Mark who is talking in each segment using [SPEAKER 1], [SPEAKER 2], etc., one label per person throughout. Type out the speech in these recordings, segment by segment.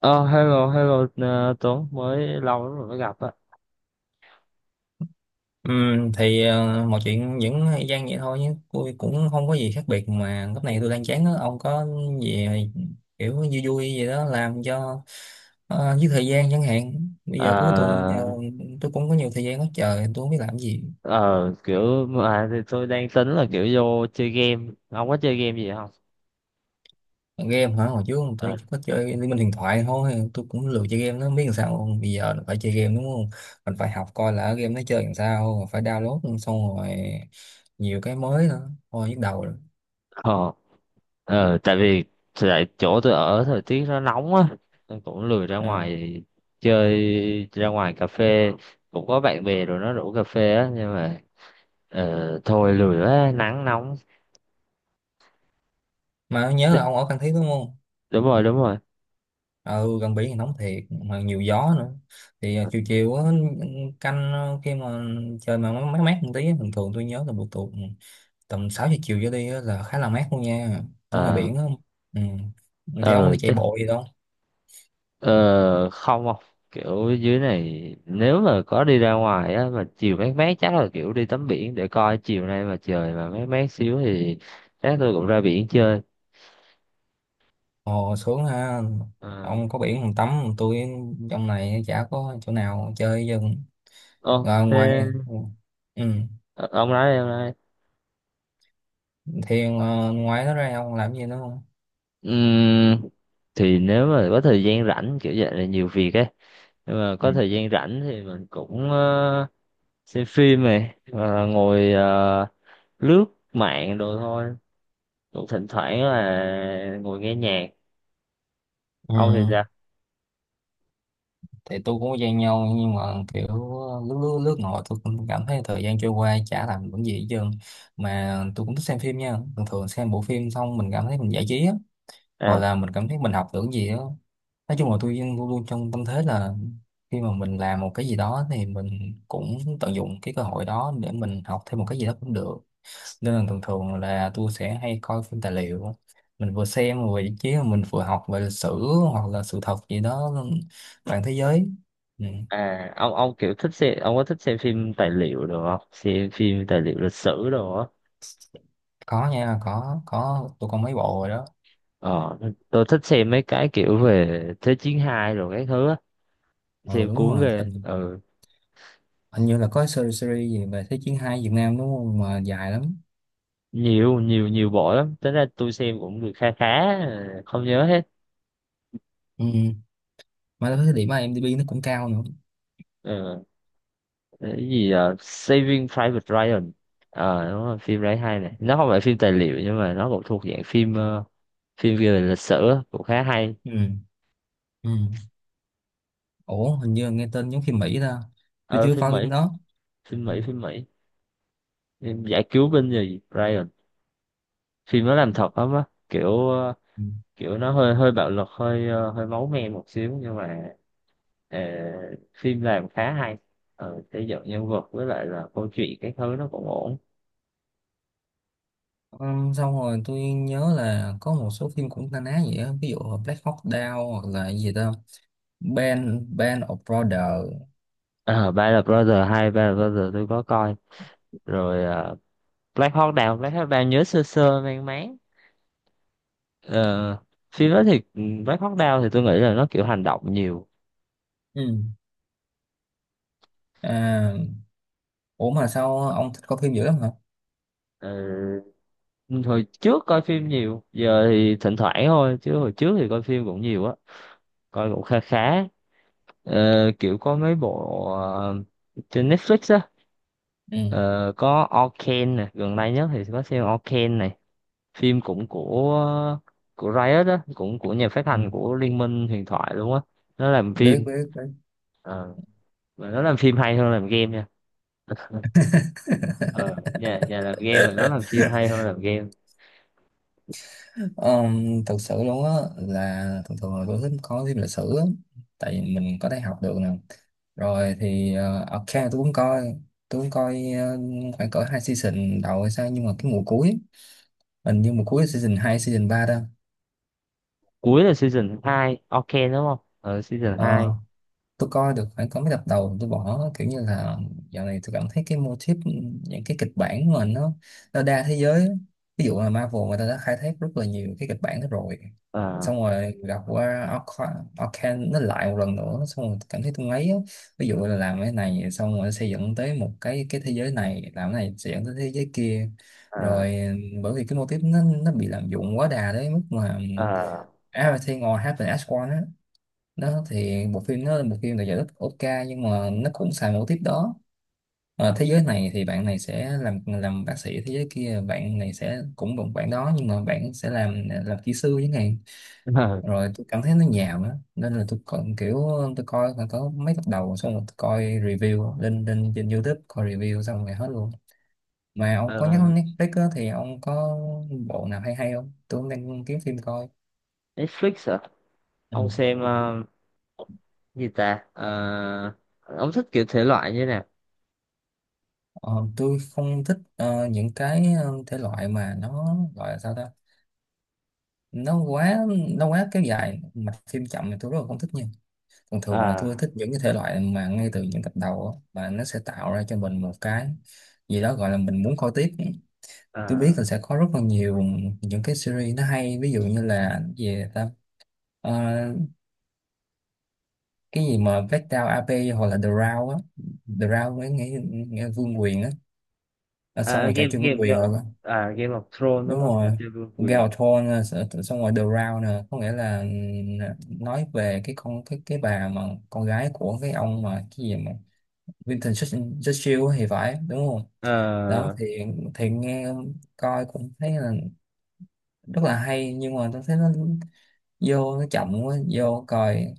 [SPEAKER 1] Ờ, hello, hello, Tuấn, mới lâu lắm rồi mới gặp á.
[SPEAKER 2] Mọi chuyện vẫn gian vậy thôi nhé, tôi cũng không có gì khác biệt, mà lúc này tôi đang chán á. Ông có gì kiểu vui vui gì đó làm cho với thời gian chẳng hạn? Bây giờ cuối tuần giờ
[SPEAKER 1] Ờ,
[SPEAKER 2] tôi cũng có nhiều thời gian hết trời, tôi không biết làm gì.
[SPEAKER 1] ờ, kiểu, mà thì tôi đang tính là kiểu vô chơi game, ông có chơi game gì không?
[SPEAKER 2] Game hả, hồi trước tôi
[SPEAKER 1] Ờ,
[SPEAKER 2] chỉ có chơi Liên Minh Huyền Thoại thôi, tôi cũng lười chơi game, nó biết làm sao không? Bây giờ phải chơi game đúng không, mình phải học coi là ở game nó chơi làm sao, phải download xong rồi nhiều cái mới nữa, thôi nhức đầu rồi.
[SPEAKER 1] ờ, tại vì tại chỗ tôi ở thời tiết nó nóng á, tôi cũng lười ra
[SPEAKER 2] À.
[SPEAKER 1] ngoài chơi, ra ngoài cà phê, cũng có bạn bè rồi nó rủ cà phê á, nhưng mà thôi lười quá, nắng nóng,
[SPEAKER 2] Mà nhớ là ông ở Phan Thiết đúng không?
[SPEAKER 1] đúng rồi, đúng rồi.
[SPEAKER 2] Ừ, gần biển thì nóng thiệt mà nhiều gió nữa. Thì à, chiều chiều á, canh à, khi mà trời mà mát mát mát một tí á, bình thường tôi nhớ là buổi tối tầm 6 giờ chiều trở đi á là khá là mát luôn nha, ở ngoài
[SPEAKER 1] Ờ,
[SPEAKER 2] biển á. Ừ. Thì ông
[SPEAKER 1] ờ,
[SPEAKER 2] thì chạy bộ gì đâu?
[SPEAKER 1] Ờ, không không, kiểu dưới này nếu mà có đi ra ngoài á mà chiều mát mát chắc là kiểu đi tắm biển, để coi chiều nay mà trời mà mát mát xíu thì chắc tôi cũng ra biển chơi.
[SPEAKER 2] Ồ sướng ha,
[SPEAKER 1] Ờ,
[SPEAKER 2] ông có biển còn tắm, tôi trong này chả có chỗ nào chơi dân
[SPEAKER 1] Ô
[SPEAKER 2] rồi ngoài.
[SPEAKER 1] thế.
[SPEAKER 2] Ừ. Ừ,
[SPEAKER 1] Ờ, ông nói đi, ông nói đi.
[SPEAKER 2] thì à, ngoài đó ra ông làm gì nữa không?
[SPEAKER 1] Ừm, thì nếu mà có thời gian rảnh kiểu vậy là nhiều việc ấy, nhưng mà
[SPEAKER 2] Ừ.
[SPEAKER 1] có thời gian rảnh thì mình cũng xem phim này, hoặc là ngồi lướt mạng đồ thôi. Cũng thỉnh thoảng là ngồi nghe nhạc.
[SPEAKER 2] Ừ,
[SPEAKER 1] Ông thì sao?
[SPEAKER 2] thì tôi cũng gian nhau nhưng mà kiểu lướt lướt lướt ngồi, tôi cũng cảm thấy thời gian trôi qua chả làm được gì hết trơn. Mà tôi cũng thích xem phim nha, thường thường xem bộ phim xong mình cảm thấy mình giải trí á, hoặc
[SPEAKER 1] À,
[SPEAKER 2] là mình cảm thấy mình học được gì á. Nói chung là tôi luôn luôn trong tâm thế là khi mà mình làm một cái gì đó thì mình cũng tận dụng cái cơ hội đó để mình học thêm một cái gì đó cũng được. Nên là thường thường là tôi sẽ hay coi phim tài liệu, mình vừa xem vừa giải trí, mình vừa học về lịch sử hoặc là sự thật gì đó, toàn thế giới. Ừ.
[SPEAKER 1] à, Ông kiểu thích xem, ông có thích xem phim tài liệu được không, xem phim tài liệu lịch sử đồ á?
[SPEAKER 2] Có nha, có tôi có mấy bộ rồi đó.
[SPEAKER 1] ờ tôi thích xem mấy cái kiểu về Thế chiến hai rồi cái thứ á,
[SPEAKER 2] Ừ
[SPEAKER 1] xem
[SPEAKER 2] đúng
[SPEAKER 1] cuốn
[SPEAKER 2] rồi,
[SPEAKER 1] ghê.
[SPEAKER 2] hình
[SPEAKER 1] Ừ.
[SPEAKER 2] hình như là có series series gì về Thế chiến hai Việt Nam đúng không, mà dài lắm.
[SPEAKER 1] Nhiều nhiều nhiều bộ lắm, tính ra tôi xem cũng được khá khá, không nhớ hết.
[SPEAKER 2] Ừ. Mà tôi thấy điểm IMDb nó cũng cao nữa.
[SPEAKER 1] Ừ. Cái gì Saving Private Ryan. Đúng rồi, phim đấy hay này, nó không phải phim tài liệu nhưng mà nó cũng thuộc dạng phim phim về lịch sử á, cũng khá hay.
[SPEAKER 2] Ừ. Ừ. Ủa hình như là nghe tên giống phim Mỹ ta, tôi
[SPEAKER 1] ờ
[SPEAKER 2] chưa
[SPEAKER 1] phim
[SPEAKER 2] coi phim
[SPEAKER 1] Mỹ
[SPEAKER 2] đó.
[SPEAKER 1] phim
[SPEAKER 2] Ừ.
[SPEAKER 1] Mỹ phim Mỹ phim giải cứu binh gì Ryan. Phim nó làm thật lắm á, kiểu
[SPEAKER 2] Ừ.
[SPEAKER 1] kiểu nó hơi hơi bạo lực, hơi hơi máu me một xíu, nhưng mà ờ, phim làm khá hay. Xây dựng nhân vật với lại là câu chuyện cái thứ nó cũng ổn.
[SPEAKER 2] Ừ, xong rồi tôi nhớ là có một số phim cũng na ná vậy á, ví dụ là Black Hawk Down hoặc là gì ta, Band Band of Brothers.
[SPEAKER 1] Ờ, Band of Brothers, hay Band of Brothers tôi có coi rồi. Ờ, Black Hawk Down nhớ sơ sơ mang máng. Ờ, Phim đó thì Black Hawk Down thì tôi nghĩ là nó kiểu hành động nhiều.
[SPEAKER 2] Ừ. À, ủa mà sao ông thích coi phim dữ lắm hả?
[SPEAKER 1] Ờ, Hồi trước coi phim nhiều, giờ thì thỉnh thoảng thôi, chứ hồi trước thì coi phim cũng nhiều á, coi cũng khá khá. Kiểu có mấy bộ trên Netflix á.
[SPEAKER 2] Ừ.
[SPEAKER 1] Ờ, có Arcane nè, gần đây nhất thì có xem Arcane này. Phim cũng của Riot á, cũng của nhà phát
[SPEAKER 2] Ừ.
[SPEAKER 1] hành của Liên minh huyền thoại luôn á. Nó làm
[SPEAKER 2] Biết
[SPEAKER 1] phim.
[SPEAKER 2] biết biết.
[SPEAKER 1] Ờ, mà nó làm phim hay hơn làm game nha. Ờ nhà nhà làm game mà nó làm phim hay hơn làm game.
[SPEAKER 2] Thực sự luôn á, là thường thường là tôi thích có thêm lịch sử á. Tại vì mình có thể học được nè. Rồi thì ok tôi cũng coi, tôi cũng coi khoảng cỡ 2 season đầu hay sao, nhưng mà cái mùa cuối, hình như mùa cuối season 2 season 3 đó.
[SPEAKER 1] Cuối là season 2 Arcane đúng không? Ờ season 2.
[SPEAKER 2] Ờ. Tôi coi được phải có mấy tập đầu tôi bỏ, kiểu như là dạo này tôi cảm thấy cái mô típ, những cái kịch bản mà nó đa thế giới á. Ví dụ là Marvel, người ta đã khai thác rất là nhiều cái kịch bản đó rồi,
[SPEAKER 1] ờ
[SPEAKER 2] xong rồi gặp qua Arcane nó lại một lần nữa, xong rồi cảm thấy tôi ngấy á. Ví dụ là làm cái này xong rồi xây dựng tới một cái thế giới này, làm cái này xây dựng tới thế giới kia.
[SPEAKER 1] ờ
[SPEAKER 2] Rồi bởi vì cái mô típ nó bị lạm dụng quá đà đấy mức mà
[SPEAKER 1] ờ
[SPEAKER 2] Everything all happened as one á, nó thì bộ phim nó là một phim được giải thích Oscar, nhưng mà nó cũng xài mẫu tiếp đó. Ờ, thế giới này thì bạn này sẽ làm bác sĩ, thế giới kia bạn này sẽ cũng bằng bạn đó nhưng mà bạn sẽ làm kỹ sư chẳng hạn. Rồi tôi cảm thấy nó nhàm á, nên là tôi còn kiểu tôi coi khoảng có mấy tập đầu xong rồi tôi coi review lên lên trên YouTube, coi review xong rồi hết luôn. Mà ông
[SPEAKER 1] ờ
[SPEAKER 2] có nhắc
[SPEAKER 1] ờ,
[SPEAKER 2] đến Netflix á, thì ông có bộ nào hay hay không, tôi cũng đang kiếm phim coi.
[SPEAKER 1] Netflix hả?
[SPEAKER 2] Ừ.
[SPEAKER 1] Ông xem gì ta? Ờ, ông thích kiểu thể loại như thế nào?
[SPEAKER 2] Ờ, tôi không thích những cái thể loại mà nó gọi là sao ta, nó quá nó quá kéo dài mạch phim chậm thì tôi rất là không thích nha. Thường thường là tôi
[SPEAKER 1] À.
[SPEAKER 2] thích những cái thể loại mà ngay từ những tập đầu á, mà nó sẽ tạo ra cho mình một cái gì đó gọi là mình muốn coi tiếp. Tôi biết
[SPEAKER 1] À.
[SPEAKER 2] là sẽ có rất là nhiều những cái series nó hay, ví dụ như là gì ta, Ờ, cái gì mà Vết Đao AP, hoặc là The Round á. The Round với nghe, nghe Vương Quyền á. Ờ, xong rồi trò
[SPEAKER 1] Game
[SPEAKER 2] chơi Vương
[SPEAKER 1] game
[SPEAKER 2] Quyền.
[SPEAKER 1] game Game of Thrones đúng
[SPEAKER 2] Đúng
[SPEAKER 1] không? Trò
[SPEAKER 2] rồi,
[SPEAKER 1] chơi vương
[SPEAKER 2] Game
[SPEAKER 1] quyền.
[SPEAKER 2] of Thrones nè, xong rồi The Round nè, có nghĩa là nói về cái con cái bà mà con gái của cái ông mà cái gì mà Vincent Churchill thì phải đúng không.
[SPEAKER 1] Ờ,
[SPEAKER 2] Đó thì nghe coi cũng thấy là rất là hay, nhưng mà tôi thấy nó vô nó chậm quá, vô coi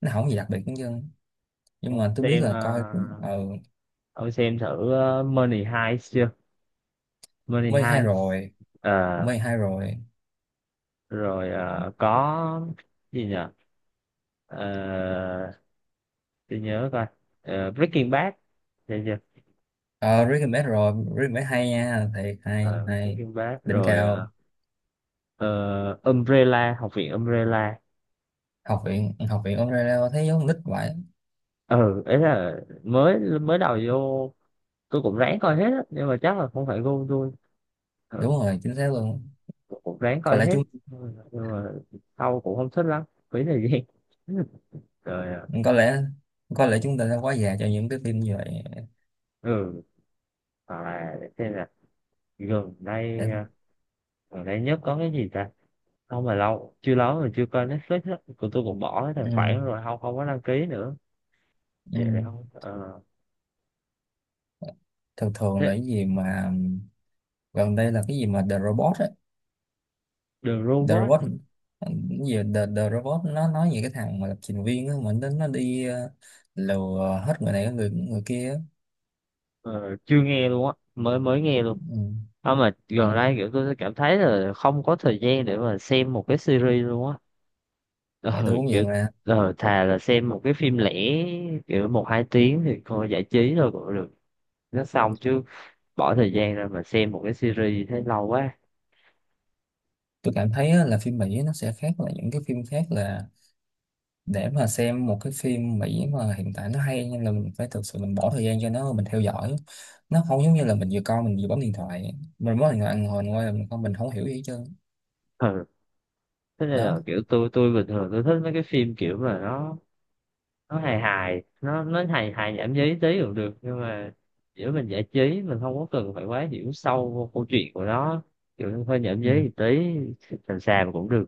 [SPEAKER 2] nó không gì đặc biệt hết trơn, nhưng
[SPEAKER 1] ông
[SPEAKER 2] mà tôi biết
[SPEAKER 1] xem
[SPEAKER 2] là
[SPEAKER 1] ờ,
[SPEAKER 2] coi cũng ờ.
[SPEAKER 1] ông xem thử Money Heist chưa? Money
[SPEAKER 2] Mê hay
[SPEAKER 1] Heist.
[SPEAKER 2] rồi.
[SPEAKER 1] Ờ,
[SPEAKER 2] Mê hay rồi.
[SPEAKER 1] Rồi, có gì nhỉ? Ờ, tôi nhớ coi Breaking Bad. Thấy chưa?
[SPEAKER 2] Ờ recommend rồi, recommend hay nha, thiệt hay
[SPEAKER 1] Ờ,
[SPEAKER 2] hay.
[SPEAKER 1] Breaking Bad
[SPEAKER 2] Đỉnh
[SPEAKER 1] rồi,
[SPEAKER 2] cao.
[SPEAKER 1] ờ, Umbrella, học viện Umbrella.
[SPEAKER 2] Học viện Australia thấy giống con nít vậy.
[SPEAKER 1] Ừ Ấy là mới mới đầu vô, tôi cũng ráng coi hết á nhưng mà chắc là không phải gu tôi. ừ,
[SPEAKER 2] Đúng rồi, chính xác
[SPEAKER 1] ừ,
[SPEAKER 2] luôn.
[SPEAKER 1] tôi cũng ráng
[SPEAKER 2] có
[SPEAKER 1] coi
[SPEAKER 2] lẽ
[SPEAKER 1] hết
[SPEAKER 2] chúng
[SPEAKER 1] nhưng mà sau cũng không thích lắm, phí thời gian. Rồi.
[SPEAKER 2] có lẽ, có lẽ chúng ta đã quá già cho những cái phim như vậy.
[SPEAKER 1] Ừ Hoặc là để xem là gần đây,
[SPEAKER 2] Em.
[SPEAKER 1] gần đây nhất có cái gì ta? Không mà lâu, chưa lâu rồi chưa coi Netflix á, của tôi cũng bỏ cái tài
[SPEAKER 2] Ừ,
[SPEAKER 1] khoản rồi, không không có đăng ký nữa.
[SPEAKER 2] ừ.
[SPEAKER 1] Vậy là không. Ờ
[SPEAKER 2] Thường thường là
[SPEAKER 1] Thế.
[SPEAKER 2] cái gì mà gần đây là cái gì mà The Robot á.
[SPEAKER 1] The
[SPEAKER 2] The
[SPEAKER 1] Robot
[SPEAKER 2] Robot,
[SPEAKER 1] hả?
[SPEAKER 2] cái gì The, The Robot nó nói về cái thằng mà lập trình viên á, mà nó đi lừa hết người này người người kia á.
[SPEAKER 1] Ờ, Chưa nghe luôn á, mới mới nghe luôn.
[SPEAKER 2] Ừ.
[SPEAKER 1] Không mà gần
[SPEAKER 2] Đúng đó.
[SPEAKER 1] đây kiểu tôi cảm thấy là không có thời gian để mà xem một cái series luôn á.
[SPEAKER 2] Thì
[SPEAKER 1] Ờ,
[SPEAKER 2] tôi cũng
[SPEAKER 1] Kiểu
[SPEAKER 2] vậy mà.
[SPEAKER 1] thà là xem một cái phim lẻ, kiểu một hai tiếng thì coi giải trí thôi cũng được. Nó xong chứ bỏ thời gian ra mà xem một cái series thấy lâu quá.
[SPEAKER 2] Tôi cảm thấy á, là phim Mỹ nó sẽ khác là những cái phim khác là để mà xem một cái phim Mỹ mà hiện tại nó hay, nên là mình phải thực sự mình bỏ thời gian cho nó, mình theo dõi. Nó không giống như là mình vừa coi mình vừa bấm điện thoại, mình bấm điện thoại ngồi ngồi là mình không, mình không hiểu gì hết trơn.
[SPEAKER 1] Ừ. Thế nên
[SPEAKER 2] Đó.
[SPEAKER 1] là kiểu tôi bình thường tôi thích mấy cái phim kiểu mà nó hài hài, nó hài hài nhảm nhí tí cũng được, nhưng mà giữa mình giải trí mình không có cần phải quá hiểu sâu vô câu chuyện của nó, kiểu hơi nhảm
[SPEAKER 2] Ừ.
[SPEAKER 1] nhí một tí, sàm sàm cũng được.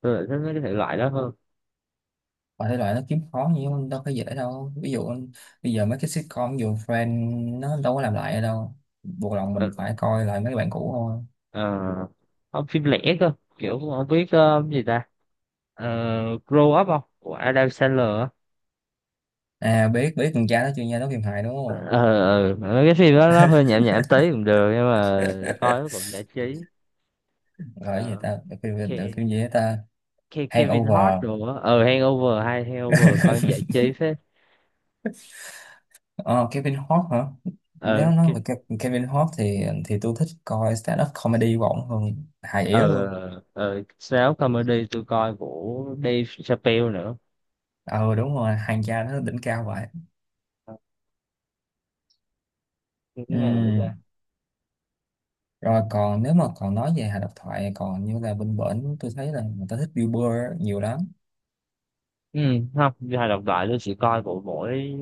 [SPEAKER 1] Tôi lại thích mấy cái thể loại đó hơn.
[SPEAKER 2] Và thể loại nó kiếm khó như mà đâu có dễ đâu, ví dụ bây giờ mấy cái sitcom ví dụ Friends nó đâu có làm lại ở đâu, buộc lòng
[SPEAKER 1] Ờ,
[SPEAKER 2] mình phải coi lại mấy bạn cũ thôi.
[SPEAKER 1] ờ, Không, phim lẻ cơ, kiểu không biết gì ta. Ờ, Grow Up không của Adam Sandler á.
[SPEAKER 2] À biết biết, con cha nó chưa nha, nó phim hài đúng không.
[SPEAKER 1] Ờ, Mấy cái phim đó nó hơi nhảm nhảm tí cũng được nhưng mà coi nó cũng giải trí.
[SPEAKER 2] Gọi là gì
[SPEAKER 1] Ờ,
[SPEAKER 2] ta, phim phim
[SPEAKER 1] Ke-
[SPEAKER 2] phim gì đó ta.
[SPEAKER 1] Kevin Hart
[SPEAKER 2] Hangover.
[SPEAKER 1] rồi á. Ờ Hangover, hay Hangover coi giải trí phết.
[SPEAKER 2] Ờ, Kevin Hart hả? Nếu
[SPEAKER 1] ờ
[SPEAKER 2] nói
[SPEAKER 1] Ke-
[SPEAKER 2] về Kevin Hart thì tôi thích coi stand-up comedy của ổng hơn, hài yếu
[SPEAKER 1] ờ
[SPEAKER 2] luôn.
[SPEAKER 1] Sáu comedy tôi coi của Dave Chappelle nữa.
[SPEAKER 2] Ờ đúng rồi, hàng cha nó đỉnh cao vậy.
[SPEAKER 1] Ờ, cái nào nữa ta?
[SPEAKER 2] Ừm. Rồi còn nếu mà còn nói về hài độc thoại còn như là bên bển, tôi thấy là người ta thích Bill Burr nhiều lắm.
[SPEAKER 1] ừ Không, đi hài độc thoại tôi chỉ coi của mỗi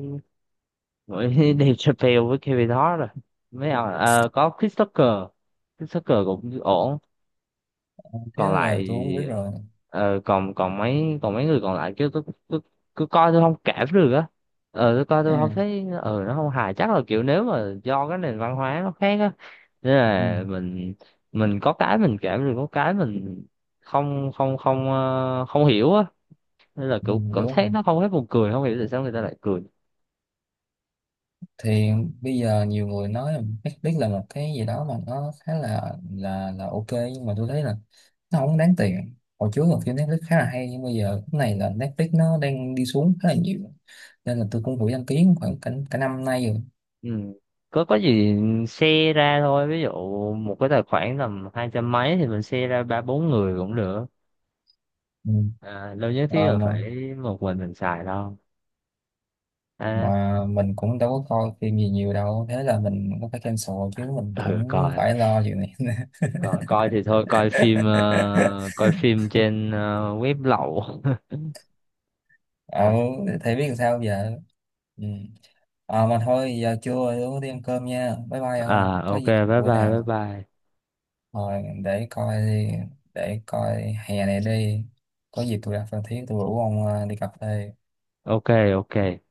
[SPEAKER 1] Mỗi Dave
[SPEAKER 2] Ừm.
[SPEAKER 1] Chappelle với Kevin Hart rồi. Mấy ông có Chris Tucker, Chris Tucker cũng ổn.
[SPEAKER 2] Thế
[SPEAKER 1] Còn lại
[SPEAKER 2] rồi tôi không biết rồi.
[SPEAKER 1] ờ, còn còn mấy người còn lại kêu tôi cứ coi tôi không cảm được á. Tôi coi
[SPEAKER 2] Ừ.
[SPEAKER 1] tôi không thấy nó không hài, chắc là kiểu nếu mà do cái nền văn hóa nó khác á, nên
[SPEAKER 2] Ừ.
[SPEAKER 1] là mình có cái mình cảm được, có cái mình không không không ờ, không hiểu á, nên là
[SPEAKER 2] Ừ,
[SPEAKER 1] kiểu
[SPEAKER 2] đúng
[SPEAKER 1] cảm thấy
[SPEAKER 2] rồi.
[SPEAKER 1] nó không hết buồn cười, không hiểu tại sao người ta lại cười.
[SPEAKER 2] Thì bây giờ nhiều người nói là Netflix là một cái gì đó mà nó khá là ok, nhưng mà tôi thấy là nó không đáng tiền. Hồi trước là phim Netflix khá là hay, nhưng bây giờ cái này là Netflix nó đang đi xuống khá là nhiều, nên là tôi cũng vừa đăng ký khoảng cả năm nay rồi.
[SPEAKER 1] Ừ. Có gì share ra thôi, ví dụ một cái tài khoản tầm hai trăm mấy thì mình share ra ba bốn người cũng được.
[SPEAKER 2] Ừ.
[SPEAKER 1] Đâu nhất thiết
[SPEAKER 2] Ờ,
[SPEAKER 1] là phải một mình xài đâu. à,
[SPEAKER 2] mà mình cũng đâu có coi phim gì nhiều đâu, thế là mình cũng phải cancel chứ mình
[SPEAKER 1] ừ
[SPEAKER 2] cũng
[SPEAKER 1] coi
[SPEAKER 2] phải lo chuyện này.
[SPEAKER 1] coi coi thì thôi, coi phim coi phim trên web lậu.
[SPEAKER 2] Ờ
[SPEAKER 1] Ừ.
[SPEAKER 2] thì biết làm sao giờ. Ừ. Ờ mà thôi giờ trưa rồi tôi đi ăn cơm nha, bye bye, không có
[SPEAKER 1] Ok,
[SPEAKER 2] gì
[SPEAKER 1] bye
[SPEAKER 2] bữa
[SPEAKER 1] bye bye
[SPEAKER 2] nào.
[SPEAKER 1] bye.
[SPEAKER 2] Rồi để coi đi, để coi hè này đi. Có dịp tôi ra Phan Thiết tôi rủ ông đi cà phê.
[SPEAKER 1] Ok. Ok.